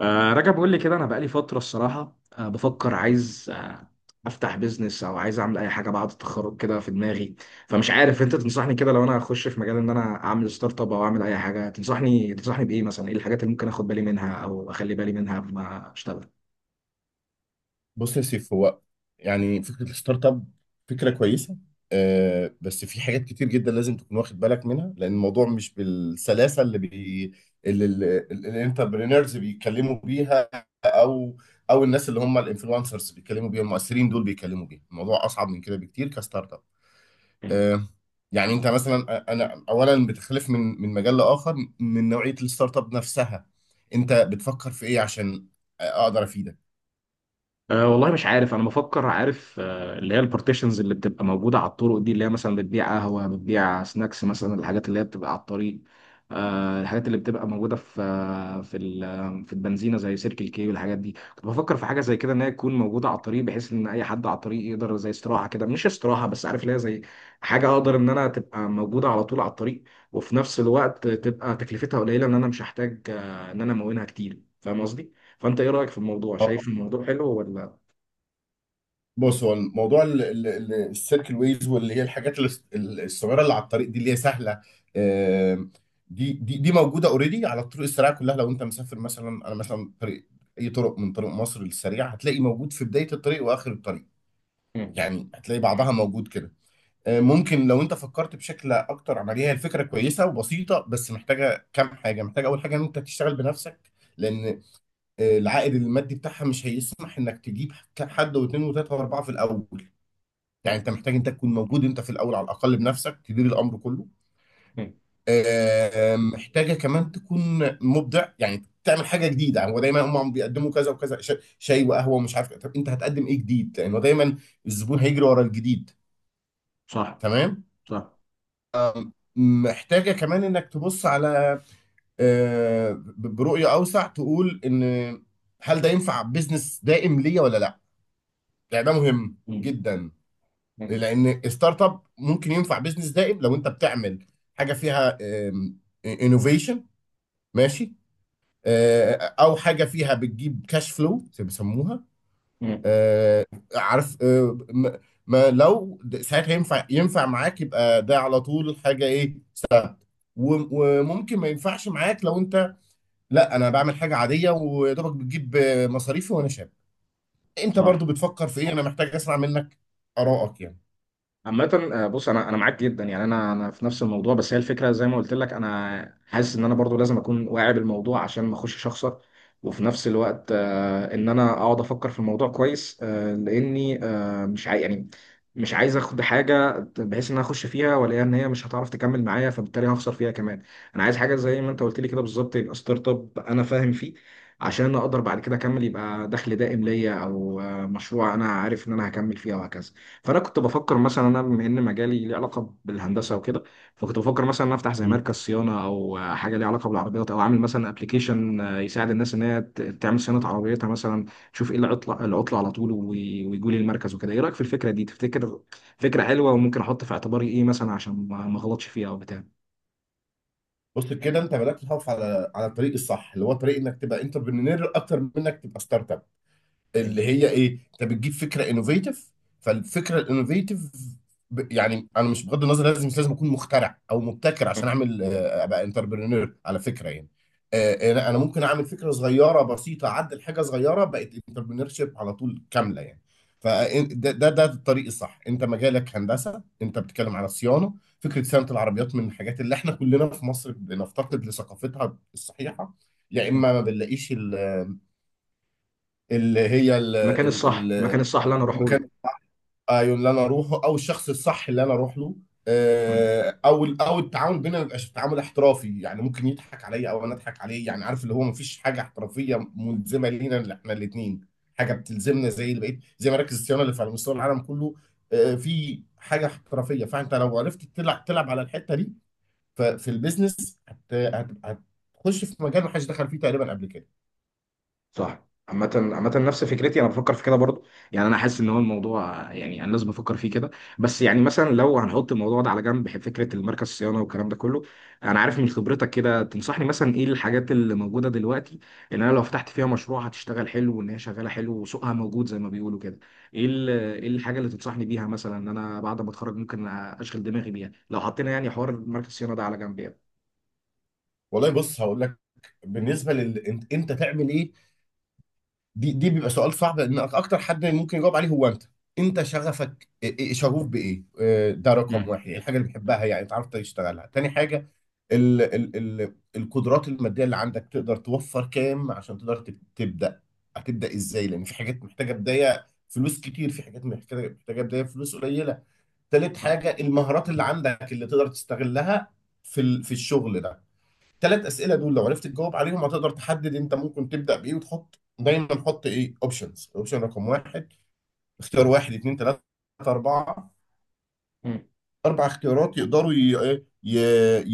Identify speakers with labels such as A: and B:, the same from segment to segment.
A: رجب بيقول لي كده، انا بقالي فتره الصراحه بفكر، عايز افتح بيزنس او عايز اعمل اي حاجه بعد التخرج كده في دماغي. فمش عارف، انت تنصحني كده لو انا اخش في مجال ان انا اعمل ستارت اب او اعمل اي حاجه؟ تنصحني بايه مثلا؟ ايه الحاجات اللي ممكن اخد بالي منها او اخلي بالي منها قبل ما اشتغل؟
B: بص يا سيف، هو يعني فكرة الستارت اب فكرة كويسة. بس في حاجات كتير جدا لازم تكون واخد بالك منها، لأن الموضوع مش بالسلاسة اللي الانتربرينرز بيتكلموا بيها أو أو الناس اللي هم الانفلونسرز بيتكلموا بيها، المؤثرين دول بيتكلموا بيها. الموضوع أصعب من كده بكتير كستارت اب. آه يعني أنت مثلا، أنا أولا بتختلف من مجال لآخر، من نوعية الستارت اب نفسها. أنت بتفكر في إيه عشان أقدر أفيدك؟
A: والله مش عارف، انا بفكر، عارف اللي هي البارتيشنز اللي بتبقى موجوده على الطرق دي، اللي هي مثلا بتبيع قهوه، بتبيع سناكس، مثلا الحاجات اللي هي بتبقى على الطريق. الحاجات اللي بتبقى موجوده في آه، في ال- آه، في البنزينه زي سيركل كي والحاجات دي، كنت بفكر في حاجه زي كده ان هي تكون موجوده على الطريق، بحيث ان اي حد على الطريق يقدر، زي استراحه كده، مش استراحه بس، عارف ليها زي حاجه، اقدر ان انا تبقى موجوده على طول على الطريق، وفي نفس الوقت تبقى تكلفتها قليله، ان انا مش هحتاج ان انا امونها كتير، فاهم قصدي؟ فانت ايه رايك في الموضوع؟ شايف الموضوع حلو ولا؟
B: بص، هو الموضوع السيركل ويز، واللي هي الحاجات الصغيره اللي على الطريق دي اللي هي سهله. آم، دي موجوده اوريدي على الطرق السريعه كلها، لو انت مسافر مثلا. انا مثلا طريق اي طرق من طرق مصر للسريع هتلاقي موجود في بدايه الطريق واخر الطريق،
A: مم.
B: يعني هتلاقي بعضها موجود كده. ممكن لو انت فكرت بشكل اكتر عمليه، هي الفكره كويسه وبسيطه بس محتاجه كام حاجه. محتاجه اول حاجه ان انت تشتغل بنفسك، لان العائد المادي بتاعها مش هيسمح انك تجيب حد واثنين وثلاثه واربعه في الاول. يعني
A: مم.
B: انت محتاج انت تكون موجود انت في الاول على الاقل بنفسك تدير الامر كله.
A: مم.
B: محتاجه كمان تكون مبدع، يعني تعمل حاجه جديده، يعني هو دايما هم بيقدموا كذا وكذا شاي وقهوه ومش عارف إيه. طب انت هتقدم ايه جديد؟ لانه دايما الزبون هيجري ورا الجديد.
A: صح.
B: تمام.
A: صح.
B: محتاجه كمان انك تبص على برؤيه اوسع، تقول ان هل ده ينفع بزنس دائم ليا ولا لا؟ يعني ده مهم
A: مم.
B: جدا.
A: مم.
B: لان ستارت اب ممكن ينفع بزنس دائم لو انت بتعمل حاجه فيها انوفيشن. ماشي. او حاجه فيها بتجيب كاش فلو زي ما بيسموها.
A: مم.
B: آه، عارف، ما لو ساعتها ينفع معاك يبقى ده على طول حاجه ايه. و- وممكن ما ينفعش معاك، لو انت لا انا بعمل حاجه عاديه ويا دوبك بتجيب مصاريفي وانا شاب. انت
A: صح.
B: برضو بتفكر في ايه؟ انا محتاج اسمع منك ارائك يعني.
A: عامة بص، انا معاك جدا، يعني انا في نفس الموضوع، بس هي الفكره زي ما قلت لك، انا حاسس ان انا برضو لازم اكون واعي بالموضوع عشان ما اخشش اخسر. وفي نفس الوقت ان انا اقعد افكر في الموضوع كويس، لاني مش عاي يعني مش عايز اخد حاجه بحيث ان انا اخش فيها والاقيها ان هي مش هتعرف تكمل معايا، فبالتالي هخسر فيها كمان. انا عايز حاجه زي ما انت قلت لي كده بالظبط، يبقى ستارت اب انا فاهم فيه عشان اقدر بعد كده اكمل، يبقى دخل دائم ليا او مشروع انا عارف ان انا هكمل فيه وهكذا. فانا كنت بفكر مثلا، انا بما ان مجالي ليه علاقه بالهندسه وكده، فكنت بفكر مثلا ان أنا افتح زي مركز صيانه، او حاجه ليها علاقه بالعربيات، او اعمل مثلا ابلكيشن يساعد الناس ان هي تعمل صيانه عربيتها مثلا، تشوف ايه العطله على طول، ويجوا لي المركز وكده. ايه رايك في الفكره دي؟ تفتكر فكره حلوه؟ وممكن احط في اعتباري ايه مثلا عشان ما اغلطش فيها او بتاع؟
B: بص كده، انت بدات تخاف على الطريق الصح اللي هو طريق انك تبقى انتربرينور اكتر من انك تبقى ستارت اب،
A: مم.
B: اللي هي ايه؟ انت بتجيب فكره انوفيتيف. فالفكره الانوفيتيف، يعني انا مش بغض النظر، لازم مش لازم اكون مخترع او مبتكر عشان
A: مم.
B: اعمل ابقى انتربرينور، على فكره يعني. انا ممكن اعمل فكره صغيره بسيطه، اعدل حاجه صغيره بقت انتربرينور شيب على طول كامله يعني. فده ده ده الطريق الصح. انت مجالك هندسه، انت بتتكلم على صيانه. فكره صيانه العربيات من الحاجات اللي احنا كلنا في مصر بنفتقد لثقافتها الصحيحه، يا اما ما بنلاقيش اللي هي
A: المكان الصح، المكان الصح اللي انا اروحه
B: المكان. ايوه، اللي انا اروحه او الشخص الصح اللي انا اروح له،
A: له.
B: او التعامل بينا ما يبقاش تعامل احترافي. يعني ممكن يضحك عليا او انا اضحك عليه، يعني عارف، اللي هو ما فيش حاجه احترافيه ملزمه لينا اللي احنا الاثنين. حاجه بتلزمنا زي اللي بقيت، زي مراكز الصيانه اللي في على مستوى العالم كله. في حاجه احترافيه، فانت لو عرفت تلعب على الحته دي ففي البيزنس هت- هتخش في مجال ما حدش دخل فيه تقريبا قبل كده.
A: صح. عامة نفس فكرتي، انا بفكر في كده برضو، يعني انا حاسس ان هو الموضوع، يعني انا لازم افكر فيه كده. بس يعني مثلا لو هنحط الموضوع ده على جنب، بحب فكرة المركز الصيانة والكلام ده كله. انا عارف من خبرتك كده، تنصحني مثلا ايه الحاجات اللي موجودة دلوقتي ان انا لو فتحت فيها مشروع هتشتغل حلو، وان هي شغالة حلو وسوقها موجود زي ما بيقولوا كده؟ ايه الحاجة اللي تنصحني بيها مثلا ان انا بعد ما اتخرج ممكن اشغل دماغي بيها، لو حطينا يعني حوار مركز الصيانة ده على جنب يعني؟
B: والله بص هقول لك. بالنسبه انت تعمل ايه، دي بيبقى سؤال صعب، لان اكتر حد ممكن يجاوب عليه هو انت. انت شغفك شغوف بايه؟ ده رقم
A: امم.
B: واحد، يعني الحاجه اللي بتحبها يعني تعرف تشتغلها. تاني حاجه ال ال ال القدرات الماديه اللي عندك، تقدر توفر كام عشان تقدر تبدا، هتبدا ازاي؟ لان في حاجات محتاجه بدايه فلوس كتير، في حاجات محتاجه بدايه فلوس قليله. تالت
A: صح.
B: حاجه المهارات اللي عندك اللي تقدر تستغلها في الشغل ده. ثلاث اسئله دول لو عرفت تجاوب عليهم هتقدر تحدد انت ممكن تبدا بايه، وتحط دايما، حط ايه اوبشنز، اوبشن رقم واحد، اختيار واحد اتنين تلاته اربعه، اربع اختيارات يقدروا إيه؟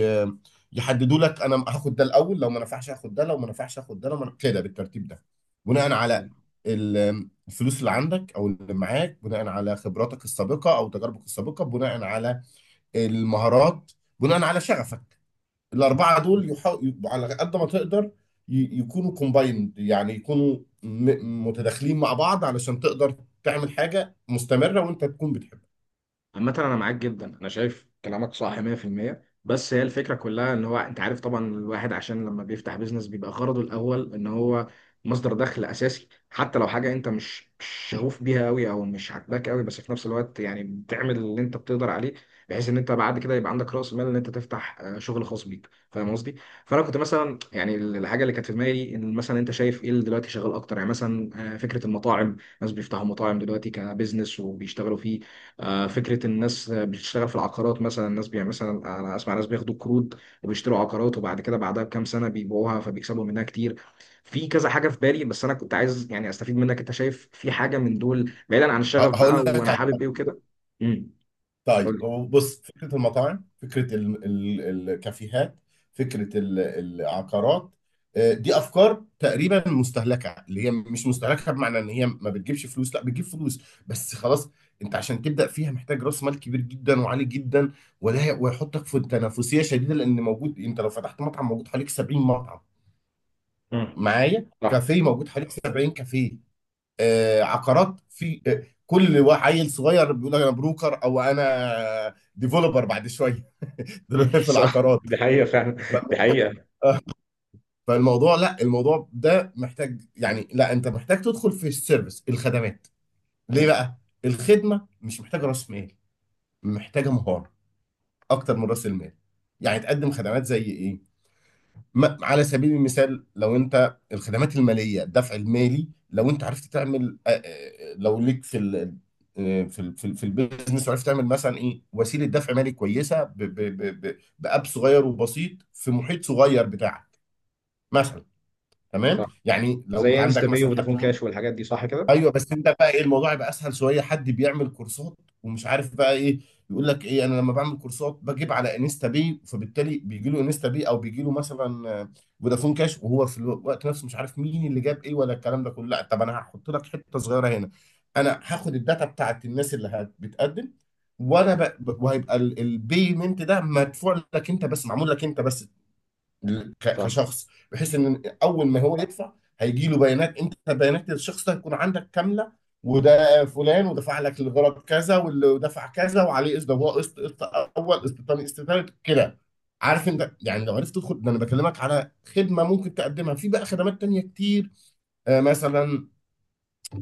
B: ي... يحددوا لك انا هاخد ده الاول، لو ما نفعش هاخد ده، لو ما نفعش هاخد ده، لو ما كده بالترتيب ده. بناء على الفلوس اللي عندك او اللي معاك، بناء على خبراتك السابقه او تجاربك السابقه، بناء على المهارات، بناء على شغفك. الأربعة دول
A: امم.
B: يحاول على قد ما تقدر يكونوا كومبايند، يعني يكونوا متداخلين مع بعض علشان تقدر تعمل حاجة مستمرة وأنت تكون بتحبها.
A: عامة أنا معاك جدا، أنا شايف كلامك صح 100%. بس هي الفكرة كلها إن هو، أنت عارف طبعا، الواحد عشان لما بيفتح بيزنس بيبقى غرضه الأول إن هو مصدر دخل أساسي، حتى لو حاجة أنت مش شغوف بيها أوي أو مش عاجباك أوي، بس في نفس الوقت يعني بتعمل اللي أنت بتقدر عليه، بحيث إن أنت بعد كده يبقى عندك رأس مال إن أنت تفتح شغل خاص بيك، فاهم قصدي؟ فأنا كنت مثلا يعني الحاجة اللي كانت في دماغي، إن مثلا أنت شايف إيه اللي دلوقتي شغال أكتر. يعني مثلا فكرة المطاعم، ناس بيفتحوا مطاعم دلوقتي كبزنس وبيشتغلوا فيه. فكرة الناس بتشتغل في العقارات مثلا، الناس بي مثلا أنا أسمع ناس بياخدوا قروض وبيشتروا عقارات، وبعد كده بعدها بكام سنة بيبيعوها فبيكسبوا منها كتير. في كذا حاجة في بالي، بس أنا كنت عايز يعني أستفيد منك. أنت شايف في حاجة من دول بعيدا عن الشغف بقى
B: هقول
A: وأنا
B: لك.
A: حابب إيه وكده؟ امم. قول لي.
B: طيب هو بص، فكرة المطاعم، فكرة ال ال الكافيهات، فكرة العقارات، دي أفكار تقريبا مستهلكة، اللي هي مش مستهلكة بمعنى إن هي ما بتجيبش فلوس، لا بتجيب فلوس بس خلاص. أنت عشان تبدأ فيها محتاج رأس مال كبير جدا وعالي جدا، ولا ويحطك في تنافسية شديدة، لأن موجود، أنت لو فتحت مطعم موجود حواليك 70 مطعم،
A: امم.
B: معايا
A: صح.
B: كافيه موجود حواليك 70 كافيه. عقارات، في كل عيل صغير بيقول انا بروكر او انا ديفلوبر بعد شويه.
A: مم.
B: دلوقتي في
A: صح.
B: العقارات.
A: دي حقيقة فعلا، دي حقيقة.
B: فالموضوع، لا الموضوع ده محتاج، يعني لا انت محتاج تدخل في السيرفيس، الخدمات. ليه
A: مم.
B: بقى؟ الخدمه مش محتاجه راس مال، محتاجه مهاره اكتر من راس المال. يعني تقدم خدمات زي ايه؟ ما على سبيل المثال، لو انت الخدمات الماليه الدفع المالي، لو انت عرفت تعمل لو ليك في ال آه، في ال في, ال- في البيزنس، وعرفت تعمل مثلا ايه وسيله دفع مالي كويسه، ب ب ب ب باب صغير وبسيط في محيط صغير بتاعك مثلا. تمام،
A: صح.
B: يعني لو انت
A: زي انستا
B: عندك
A: باي
B: مثلا حد
A: وفودافون
B: فيه.
A: كاش والحاجات دي، صح كده؟
B: ايوه بس انت بقى ايه الموضوع يبقى اسهل شويه، حد بيعمل كورسات ومش عارف بقى ايه، يقول لك ايه؟ انا لما بعمل كورسات بجيب على انستا باي، فبالتالي بيجي له انستا باي، او بيجي له مثلا فودافون كاش، وهو في الوقت نفسه مش عارف مين اللي جاب ايه ولا الكلام ده كله. لا، طب انا هحط لك حته صغيره هنا. انا هاخد الداتا بتاعت الناس اللي بتقدم، وهيبقى البيمنت ده مدفوع لك انت بس، معمول لك انت بس
A: صح.
B: كشخص. بحيث ان اول ما هو يدفع هيجي له بيانات، انت بيانات الشخص ده هتكون عندك كامله. وده فلان ودفع لك الغرض كذا، واللي دفع كذا وعليه قسط ضوء قسط قسط اول، قسط تاني، قسط تالت كده. عارف انت، يعني لو عرفت تدخل ده، انا بكلمك على خدمه ممكن تقدمها. في بقى خدمات تانيه كتير. مثلا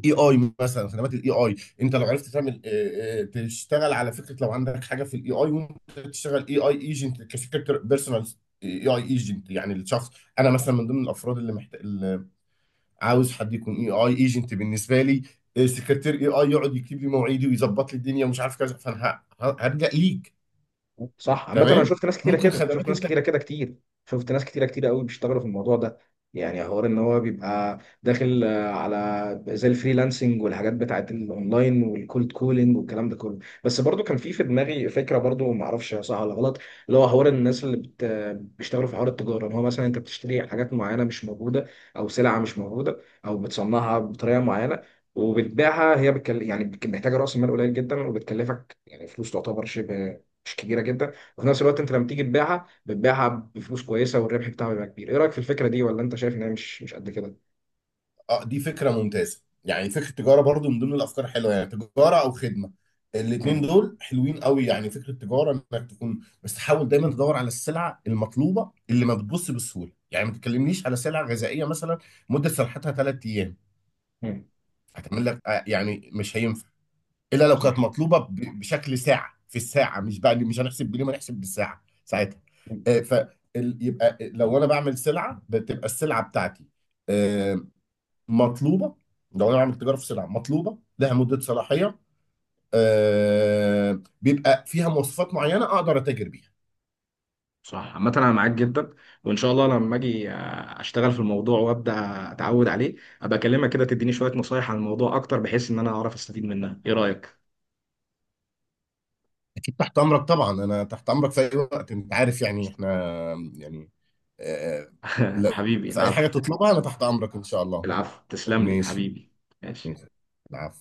B: اي اي، مثلا خدمات الاي اي، انت لو عرفت تعمل تشتغل على فكره، لو عندك حاجه في الاي اي ممكن تشتغل اي اي ايجنت كفكره بيرسونال. اي اي ايجنت يعني الشخص، انا مثلا من ضمن الافراد اللي محتاج، اللي عاوز حد يكون اي اي ايجنت بالنسبه لي. سكرتير اي اي يقعد يكتب لي مواعيدي ويظبط لي الدنيا ومش عارف كذا، فانا هرجع ليك.
A: صح. عامة انا
B: تمام،
A: شفت ناس كتيرة
B: ممكن
A: كده، شفت
B: خدمات
A: ناس
B: انت.
A: كتيرة كده كتير، شفت ناس كتيرة كتيرة قوي بيشتغلوا في الموضوع ده. يعني حوار ان هو بيبقى داخل على زي الفريلانسنج والحاجات بتاعت الاونلاين والكولد كولينج والكلام ده كله. بس برضو كان في دماغي فكرة، برضو ما اعرفش صح ولا غلط، اللي هو حوار الناس اللي بيشتغلوا في حوار التجارة، ان هو مثلا انت بتشتري حاجات معينة مش موجودة، او سلعة مش موجودة، او بتصنعها بطريقة معينة وبتبيعها. هي يعني محتاجة رأس مال قليل جدا، وبتكلفك يعني فلوس تعتبر شبه مش كبيره جدا، وفي نفس الوقت انت لما تيجي تبيعها بتبيعها بفلوس كويسه، والربح بتاعها بيبقى كبير. ايه رايك في الفكره دي؟ ولا انت شايف ان هي مش قد كده؟
B: اه، دي فكرة ممتازة، يعني فكرة التجارة برضو من ضمن الأفكار الحلوة، يعني تجارة أو خدمة، الاتنين
A: مم.
B: دول حلوين قوي. يعني فكرة التجارة إنك تكون بس تحاول دايما تدور على السلعة المطلوبة اللي ما بتبص بسهولة. يعني ما تتكلمنيش على سلعة غذائية مثلا مدة صلاحيتها 3 أيام،
A: مم.
B: هتعمل لك يعني مش هينفع إلا لو كانت
A: صح.
B: مطلوبة بشكل ساعة في الساعة، مش بقى اللي، مش هنحسب باليوم، هنحسب بالساعة ساعتها. آه، ف يبقى لو أنا بعمل سلعة بتبقى السلعة بتاعتي آه، مطلوبه. لو انا بعمل تجاره في سلع مطلوبه لها مده صلاحيه بيبقى فيها مواصفات معينه اقدر اتاجر بيها.
A: صح. عامة أنا معاك جدا، وإن شاء الله لما أجي أشتغل في الموضوع وأبدأ أتعود عليه، أبقى أكلمك كده تديني شوية نصايح عن الموضوع أكتر، بحيث إن أنا أعرف أستفيد منها. إيه رأيك؟
B: اكيد تحت امرك طبعا، انا تحت امرك في اي وقت، انت عارف يعني احنا يعني آه آه، لا،
A: حبيبي،
B: في اي حاجه
A: العفو.
B: تطلبها انا تحت امرك ان شاء الله.
A: العفو، تسلم لي
B: ماشي.
A: حبيبي. ماشي.
B: ماشي. العفو.